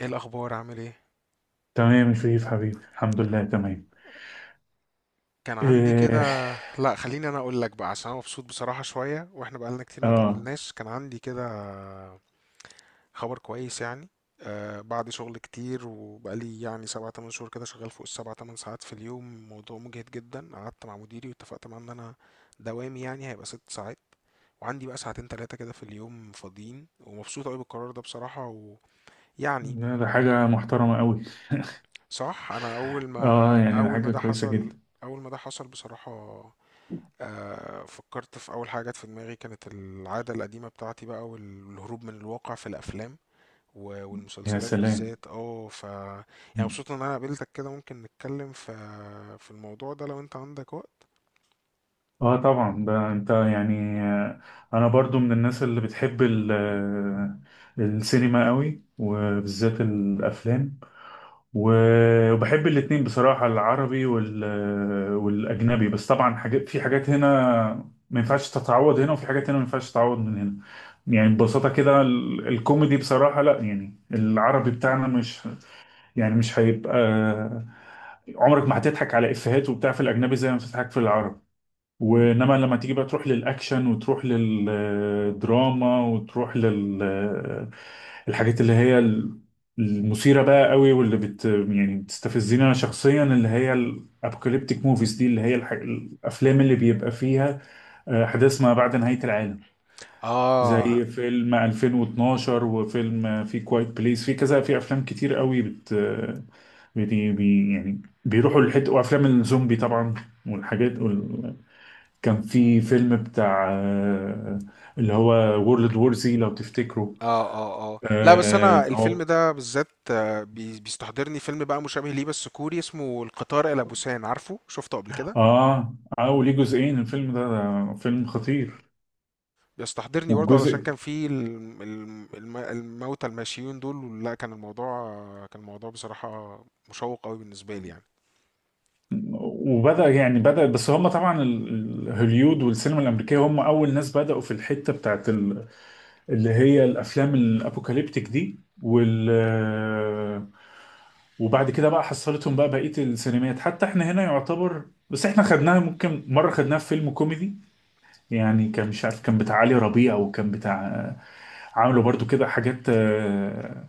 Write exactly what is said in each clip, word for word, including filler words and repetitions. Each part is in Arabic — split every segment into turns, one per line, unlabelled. ايه الاخبار؟ عامل ايه؟
تمام يا شريف حبيبي، الحمد لله تمام.
كان عندي كده
إيه.
لا خليني انا اقول لك بقى، عشان انا مبسوط بصراحه شويه، واحنا بقالنا كتير ما
اه.
تقابلناش. كان عندي كده خبر كويس يعني. آه بعد شغل كتير وبقالي يعني سبعة تمن شهور كده شغال فوق السبعة تمن ساعات في اليوم، موضوع مجهد جدا. قعدت مع مديري واتفقت معاه ان انا دوامي يعني هيبقى ست ساعات، وعندي بقى ساعتين تلاتة كده في اليوم فاضيين، ومبسوط قوي بالقرار ده بصراحة. ويعني
لا، ده حاجة محترمة قوي.
صح. انا اول ما
اه، يعني ده
اول ما
حاجة
ده
كويسة
حصل،
جدا.
اول ما ده حصل بصراحة، آه فكرت في اول حاجة جت في دماغي، كانت العادة القديمة بتاعتي بقى، والهروب من الواقع في الافلام و-
يا
والمسلسلات
سلام.
بالذات. اه ف يعني مبسوط ان انا قابلتك كده، ممكن نتكلم في في الموضوع ده لو انت عندك وقت.
اه طبعا، ده انت يعني آه، انا برضو من الناس اللي بتحب ال- آه، السينما قوي، وبالذات الافلام. و- وبحب الاتنين بصراحة، العربي وال... والأجنبي. بس طبعا حاجات في حاجات هنا ما ينفعش تتعوض هنا، وفي حاجات هنا ما ينفعش تتعوض من هنا. يعني ببساطة كده ال- الكوميدي بصراحة، لا يعني العربي بتاعنا مش يعني مش هيبقى. عمرك ما هتضحك على إفيهات وبتاع في الأجنبي زي ما بتضحك في العربي. وانما لما تيجي بقى تروح للاكشن وتروح للدراما وتروح لل الحاجات اللي هي ال- المثيره بقى قوي، واللي بت يعني بتستفزني انا شخصيا، اللي هي الابوكاليبتيك موفيز دي، اللي هي الح... الافلام اللي بيبقى فيها آه، احداث ما بعد نهايه العالم،
اه اه.
زي فيلم ألفين واتناشر وفيلم في كوايت بليس، في كذا، في افلام كتير قوي بت بي... بي... يعني بيروحوا للحته، وافلام الزومبي طبعا والحاجات. كان في فيلم بتاع آه، اللي هو وورلد وور زي، لو تفتكروا.
اه اه. لا بس
اه
انا الفيلم
هو.
ده بالذات، آه، بي- بيستحضرني فيلم بقى مشابه ليه بس كوري، اسمه القطار الى بوسان، عارفه شفته قبل كده؟
اه اه، ليه جزئين الفيلم ده، ده فيلم خطير.
بيستحضرني برضه، علشان
والجزء
كان في الم- الم- الم- الموتى الماشيين دول. لا كان الموضوع، كان الموضوع بصراحة مشوق قوي بالنسبة لي يعني.
وبدأ يعني بدأ بس هم طبعا ال- ال- هوليود والسينما الأمريكية هم أول ناس بدأوا في الحتة بتاعت ال- اللي هي الأفلام الأبوكاليبتيك دي وال آه، وبعد كده بقى حصلتهم بقى بقية السينمات. حتى احنا هنا يعتبر، بس احنا خدناها ممكن مرة خدناها في فيلم كوميدي، يعني كان مش عارف، كان بتاع علي ربيع وكان بتاع. عملوا برضو كده حاجات آه،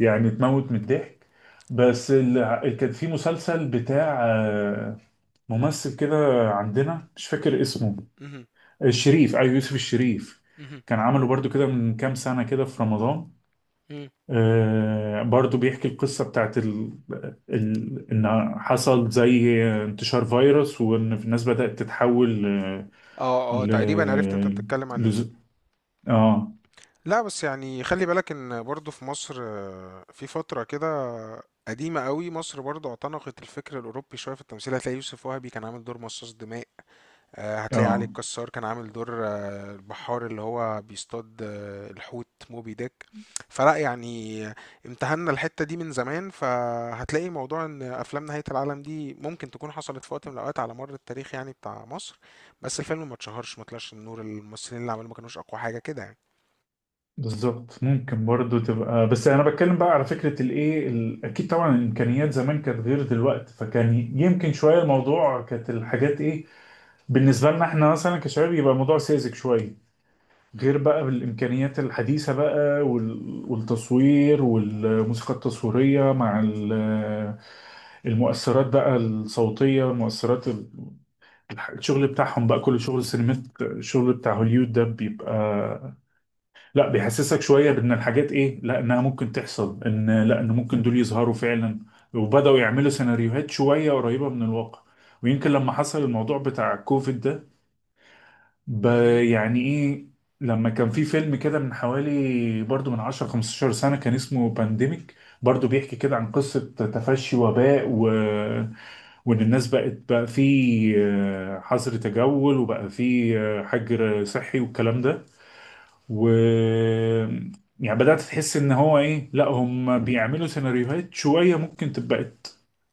يعني تموت من الضحك. بس ال- كان في مسلسل بتاع آه، ممثل كده عندنا مش فاكر اسمه.
مهم.
الشريف، ايوه، يوسف الشريف.
مهم.
كان عمله برضو كده من كام سنة كده في رمضان.
مهم.
آه، برضو بيحكي القصة بتاعت ال... ال... إن حصل زي انتشار فيروس، وإن الناس بدأت تتحول آه،
اه اه،
ل...
تقريبا عرفت انت بتتكلم عن ايه.
ل... اه
لا بس يعني خلي بالك ان برضه في مصر، آه، في فترة كده قديمة قوي، مصر برضه اعتنقت الفكر الأوروبي شوية في التمثيل. هتلاقي يوسف وهبي كان عامل دور مصاص دماء، آه، هتلاقي علي
اه،
الكسار كان عامل دور آه، البحار اللي هو بيصطاد، آه، الحوت موبي ديك. فلا يعني امتهنا الحتة دي من زمان، فهتلاقي موضوع ان افلام نهاية العالم دي ممكن تكون حصلت في وقت من الاوقات على مر التاريخ يعني، بتاع مصر. بس الفيلم ما اتشهرش، ما طلعش النور، الممثلين اللي عملوه ما كانوش اقوى حاجة كده يعني.
بالظبط. ممكن برضو تبقى، بس انا بتكلم بقى على فكره، الايه ال- اكيد طبعا الامكانيات زمان كانت غير دلوقتي، فكان يمكن شويه الموضوع كانت الحاجات ايه بالنسبه لنا احنا مثلا كشباب، يبقى الموضوع ساذج شويه. غير بقى بالامكانيات الحديثه بقى وال- والتصوير والموسيقى التصويريه مع ال- المؤثرات بقى الصوتيه، المؤثرات ال- الح- الشغل بتاعهم بقى، كل شغل السينمات، الشغل بتاع هوليود ده بيبقى لا، بيحسسك شويه بان الحاجات ايه، لا انها ممكن تحصل، ان لا، ان ممكن دول يظهروا فعلا. وبداوا يعملوا سيناريوهات شويه قريبه من الواقع. ويمكن لما حصل الموضوع بتاع كوفيد ده ب-
مهم.
يعني ايه، لما كان في فيلم كده من حوالي برضو من عشر خمسة عشر سنه، كان اسمه بانديميك، برضو بيحكي كده عن قصه تفشي وباء و... وان الناس بقت بقى في آه، حظر تجول، وبقى في آه، حجر صحي والكلام ده. و يعني بدأت تحس ان هو ايه، لا هم بيعملوا سيناريوهات شوية ممكن تبقى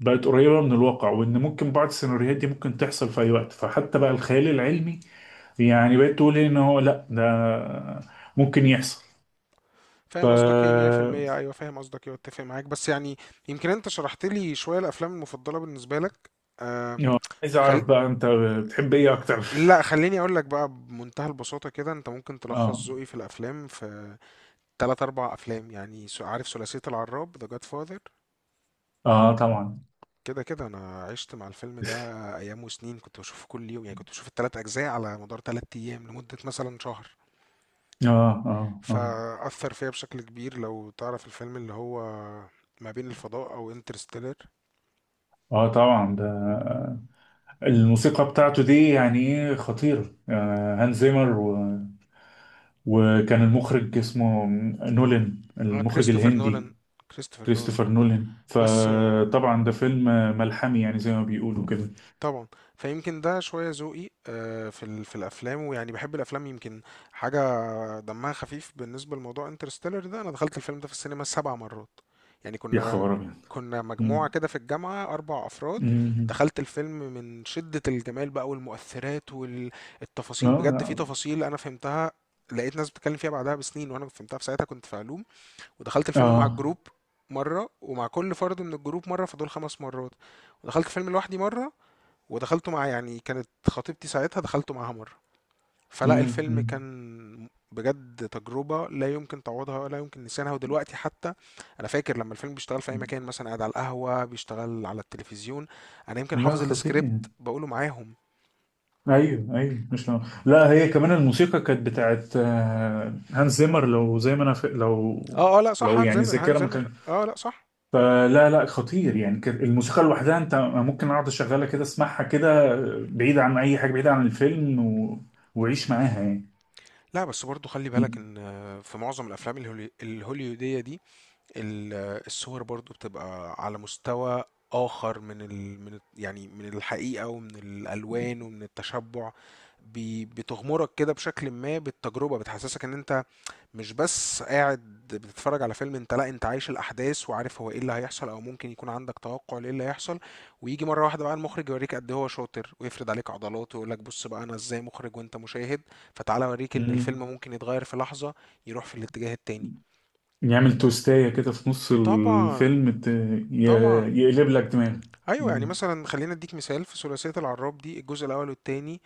بقت قريبة من الواقع، وان ممكن بعض السيناريوهات دي ممكن تحصل في اي وقت. فحتى بقى الخيال العلمي يعني بقيت تقول إيه، ان هو لا ده ممكن يحصل. ف
فاهم قصدك ايه مية بالمية. ايوه فاهم قصدك ايه واتفق معاك، بس يعني يمكن انت شرحت لي شوية الافلام المفضلة بالنسبة لك. آه،
يعني عايز
خل...
اعرف بقى انت بتحب ايه اكتر؟
لا خليني اقول لك بقى، بمنتهى البساطة كده، انت ممكن
اه.
تلخص ذوقي في الافلام في تلات اربع افلام يعني. سو- عارف ثلاثية العراب، The Godfather؟
اه طبعا.
كده كده انا عشت مع الفيلم ده ايام وسنين، كنت بشوفه كل يوم يعني، كنت بشوف التلات اجزاء على مدار تلات ايام لمدة مثلا شهر،
اه اه. اه
فأثر فيا بشكل كبير. لو تعرف الفيلم اللي هو ما بين الفضاء او انترستيلر،
اه، طبعا ده الموسيقى بتاعته دي يعني ايه، خطيرة، آه هانز زيمر. وكان المخرج اسمه نولان، المخرج
كريستوفر
الهندي.
نولان، كريستوفر نولان
كريستوفر نولان.
بس.
فطبعا ده فيلم ملحمي، يعني زي ما بيقولوا كده.
طبعًا، فيمكن ده شوية ذوقي آآ في ال في الأفلام، ويعني باحب الأفلام يمكن حاجة دمها خفيف. بالنسبة لموضوع Interstellar ده، أنا دخلت الفيلم ده في السينما سبع مرات، يعني
يا
كنا
خبر ابيض.
كنا مجموعة
مم.
كده في الجامعة اربع أفراد.
مم.
دخلت الفيلم من شدة الجمال بقى والمؤثرات وال التفاصيل، بجد في
اه
تفاصيل أنا فهمتها، لقيت ناس بتتكلم فيها بعدها بسنين، وأنا فهمتها في ساعتها، كنت في علوم. ودخلت الفيلم مع
اه.
الجروب مرة، ومع كل فرد من الجروب مرة، فدول خمس مرات، ودخلت الفيلم لوحدي مرة، ودخلته مع، يعني كانت خطيبتي ساعتها، دخلته معاها مرة. فلا
مم.
الفيلم
مم.
كان بجد تجربة لا يمكن تعوضها ولا يمكن نسيانها، ودلوقتي حتى أنا فاكر لما الفيلم بيشتغل في أي مكان، مثلا قاعد على القهوة بيشتغل على التلفزيون، أنا يمكن
لا
حافظ
خطير.
السكريبت بقوله معاهم.
ايوه ايوه، مش نوع. لا، هي كمان الموسيقى كانت بتاعت آه، هانز زيمر، لو زي ما انا ف... لو
اه اه لا صح،
لو
هانز
يعني
زمر هانز
الذاكره ما.
زمر اه لا صح.
فلا، لا خطير. يعني كانت الموسيقى لوحدها، انت ممكن اقعد اشغلها كده، اسمعها كده، بعيد عن اي حاجه، بعيد عن الفيلم و... وعيش معاها يعني.
لا بس برضو خلي بالك ان في معظم الافلام الهولي- الهوليودية دي، ال- الصور برضو بتبقى على مستوى آخر من ال... من ال- يعني من الحقيقة ومن الألوان ومن التشبع. بي... بتغمرك كده بشكل ما بالتجربة، بتحسسك إن أنت مش بس قاعد بتتفرج على فيلم، أنت لا، أنت عايش الأحداث وعارف هو إيه اللي هيحصل، أو ممكن يكون عندك توقع لإيه اللي هيحصل. ويجي مرة واحدة بقى المخرج يوريك قد إيه هو شاطر، ويفرد عليك عضلاته ويقول لك بص بقى أنا إزاي مخرج وأنت مشاهد، فتعالى أوريك إن الفيلم
مم.
ممكن يتغير في لحظة، يروح في الاتجاه التاني.
يعمل توستايه كده في نص
طبعا.
الفيلم ت... ي...
طبعا.
يقلب لك دماغك.
ايوه، يعني
مم.
مثلا خلينا اديك مثال في ثلاثيه العراب دي، الجزء الاول والتاني.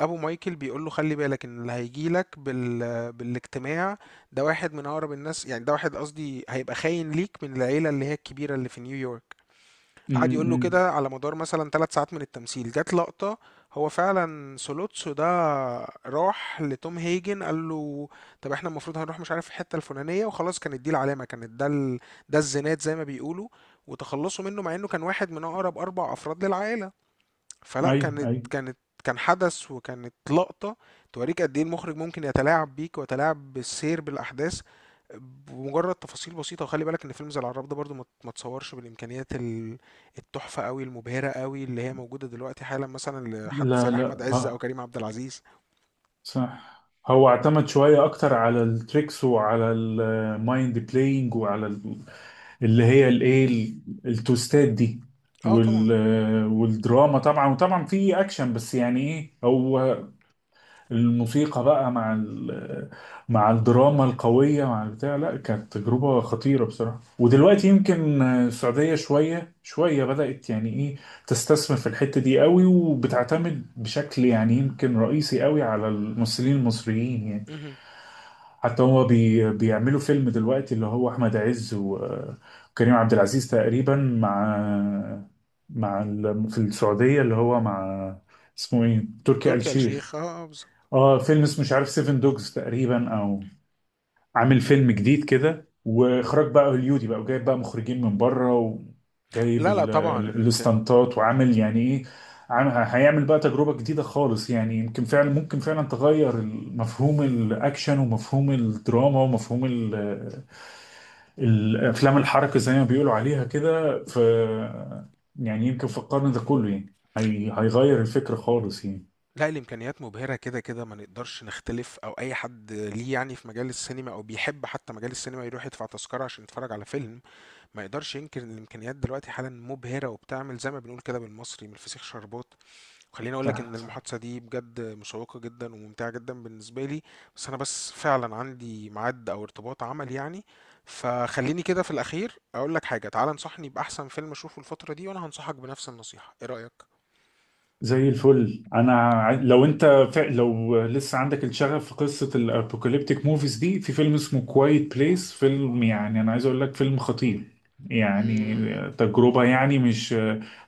ابو مايكل بيقول له خلي بالك ان اللي هيجي لك بال... بالاجتماع ده واحد من اقرب الناس، يعني ده واحد قصدي هيبقى خاين ليك من العيله اللي هي الكبيره اللي في نيويورك.
مم.
قعد يقول له
مم.
كده على مدار مثلا ثلاث ساعات من التمثيل، جت لقطة، هو فعلا سولوتسو ده راح لتوم هيجن قال له طب احنا المفروض هنروح مش عارف الحتة الفلانية، وخلاص كانت دي العلامة، كانت ده ال... ده الزناد زي ما بيقولوا، وتخلصوا منه، مع انه كان واحد من اقرب اربع افراد للعائلة. فلا
ايوه
كانت
ايوه.
كانت كان حدث وكانت لقطة توريك قد ايه المخرج ممكن يتلاعب بيك ويتلاعب بالسير بالأحداث بمجرد تفاصيل بسيطة. وخلي بالك ان فيلم زي العراب ده برضو ما ت- ما اتصورش بالإمكانيات ال- التحفة قوي، المبهرة قوي اللي هي موجودة دلوقتي حالا، مثلا لحد زي
لا
أحمد
لا
عز أو
اه
كريم عبد العزيز.
صح. هو اعتمد شويه اكتر على التريكس وعلى المايند بلاينج وعلى اللي هي الايه ال- التوستات دي
اه طبعا.
وال والدراما طبعا. وطبعا في اكشن، بس يعني ايه، هو الموسيقى بقى مع ال مع الدراما القوية مع البتاع، لا كانت تجربة خطيرة بصراحة. ودلوقتي يمكن السعودية شوية شوية بدأت يعني ايه تستثمر في الحتة دي قوي، وبتعتمد بشكل يعني يمكن رئيسي قوي على الممثلين المصريين يعني.
مهم.
حتى هو بي بيعملوا فيلم دلوقتي اللي هو احمد عز و- وكريم عبد العزيز تقريبا مع مع ال- في السعودية اللي هو مع اسمه ايه، تركي آل
تركي آل
الشيخ.
الشيخ، اه، آه، بالظبط.
اه فيلم اسمه مش عارف سيفن دوجز تقريبا، او عامل فيلم جديد كده، واخراج بقى هوليودي بقى، وجايب بقى مخرجين من بره، وجايب
لا لا
ال-
طبعا
ال-
الإمكانيات.
الاستنطات، وعامل يعني ايه عام- هيعمل بقى تجربة جديدة خالص. يعني يمكن فعلا، ممكن فعلا تغير ال- مفهوم الاكشن ومفهوم الدراما ومفهوم ال- الافلام الحركة زي ما بيقولوا عليها كده. ف يعني يمكن في القرن ده كله يعني هي- هيغير الفكر خالص يعني.
لأ، الإمكانيات مبهرة كده، كده ما نقدرش نختلف، أو أي حد ليه يعني في مجال السينما أو بيحب حتى مجال السينما يروح يدفع تذكرة عشان يتفرج على فيلم، ما يقدرش ينكر إن الإمكانيات دلوقتي حالًا مبهرة، وبتعمل زي ما بنقول كده بالمصري من الفسيخ شربات. وخلّيني أقول لك إن
صح.
المحادثة دي بجد مشوقة جدًا وممتعة جدًا بالنسبة لي، بس أنا بس فعلًا عندي ميعاد أو ارتباط عمل يعني، فخلّيني كده في الأخير أقول لك حاجة، تعالَ انصحني بأحسن فيلم أشوفه الفترة دي، وأنا هانصحك بنفس النصيحة، إيه رأيك؟
زي الفل. انا ع- لو انت ف... لو لسه عندك الشغف في قصه الابوكاليبتيك موفيز دي، في فيلم اسمه كوايت بليس. فيلم يعني انا عايز اقول لك فيلم خطير، يعني
إمم،
تجربه يعني مش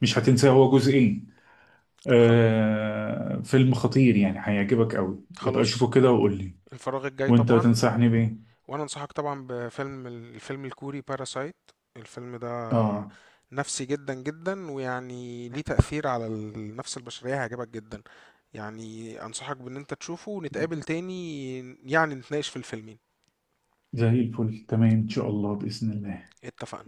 مش هتنساه. هو جزئين.
خل
آه... فيلم خطير يعني هيعجبك قوي، يبقى
خلاص.
شوفه كده وقول لي.
الفراغ الجاي
وانت
طبعا.
تنصحني بايه؟
وانا انصحك طبعا بفيلم، الفيلم الكوري باراسايت. الفيلم ده
اه
نفسي جدا جدا، ويعني ليه تأثير على النفس البشرية، هيعجبك جدا. يعني انصحك بان انت تشوفه ونتقابل تاني، يعني نتناقش في الفيلمين.
زي الفل، تمام ان شاء الله باذن الله.
اتفقنا.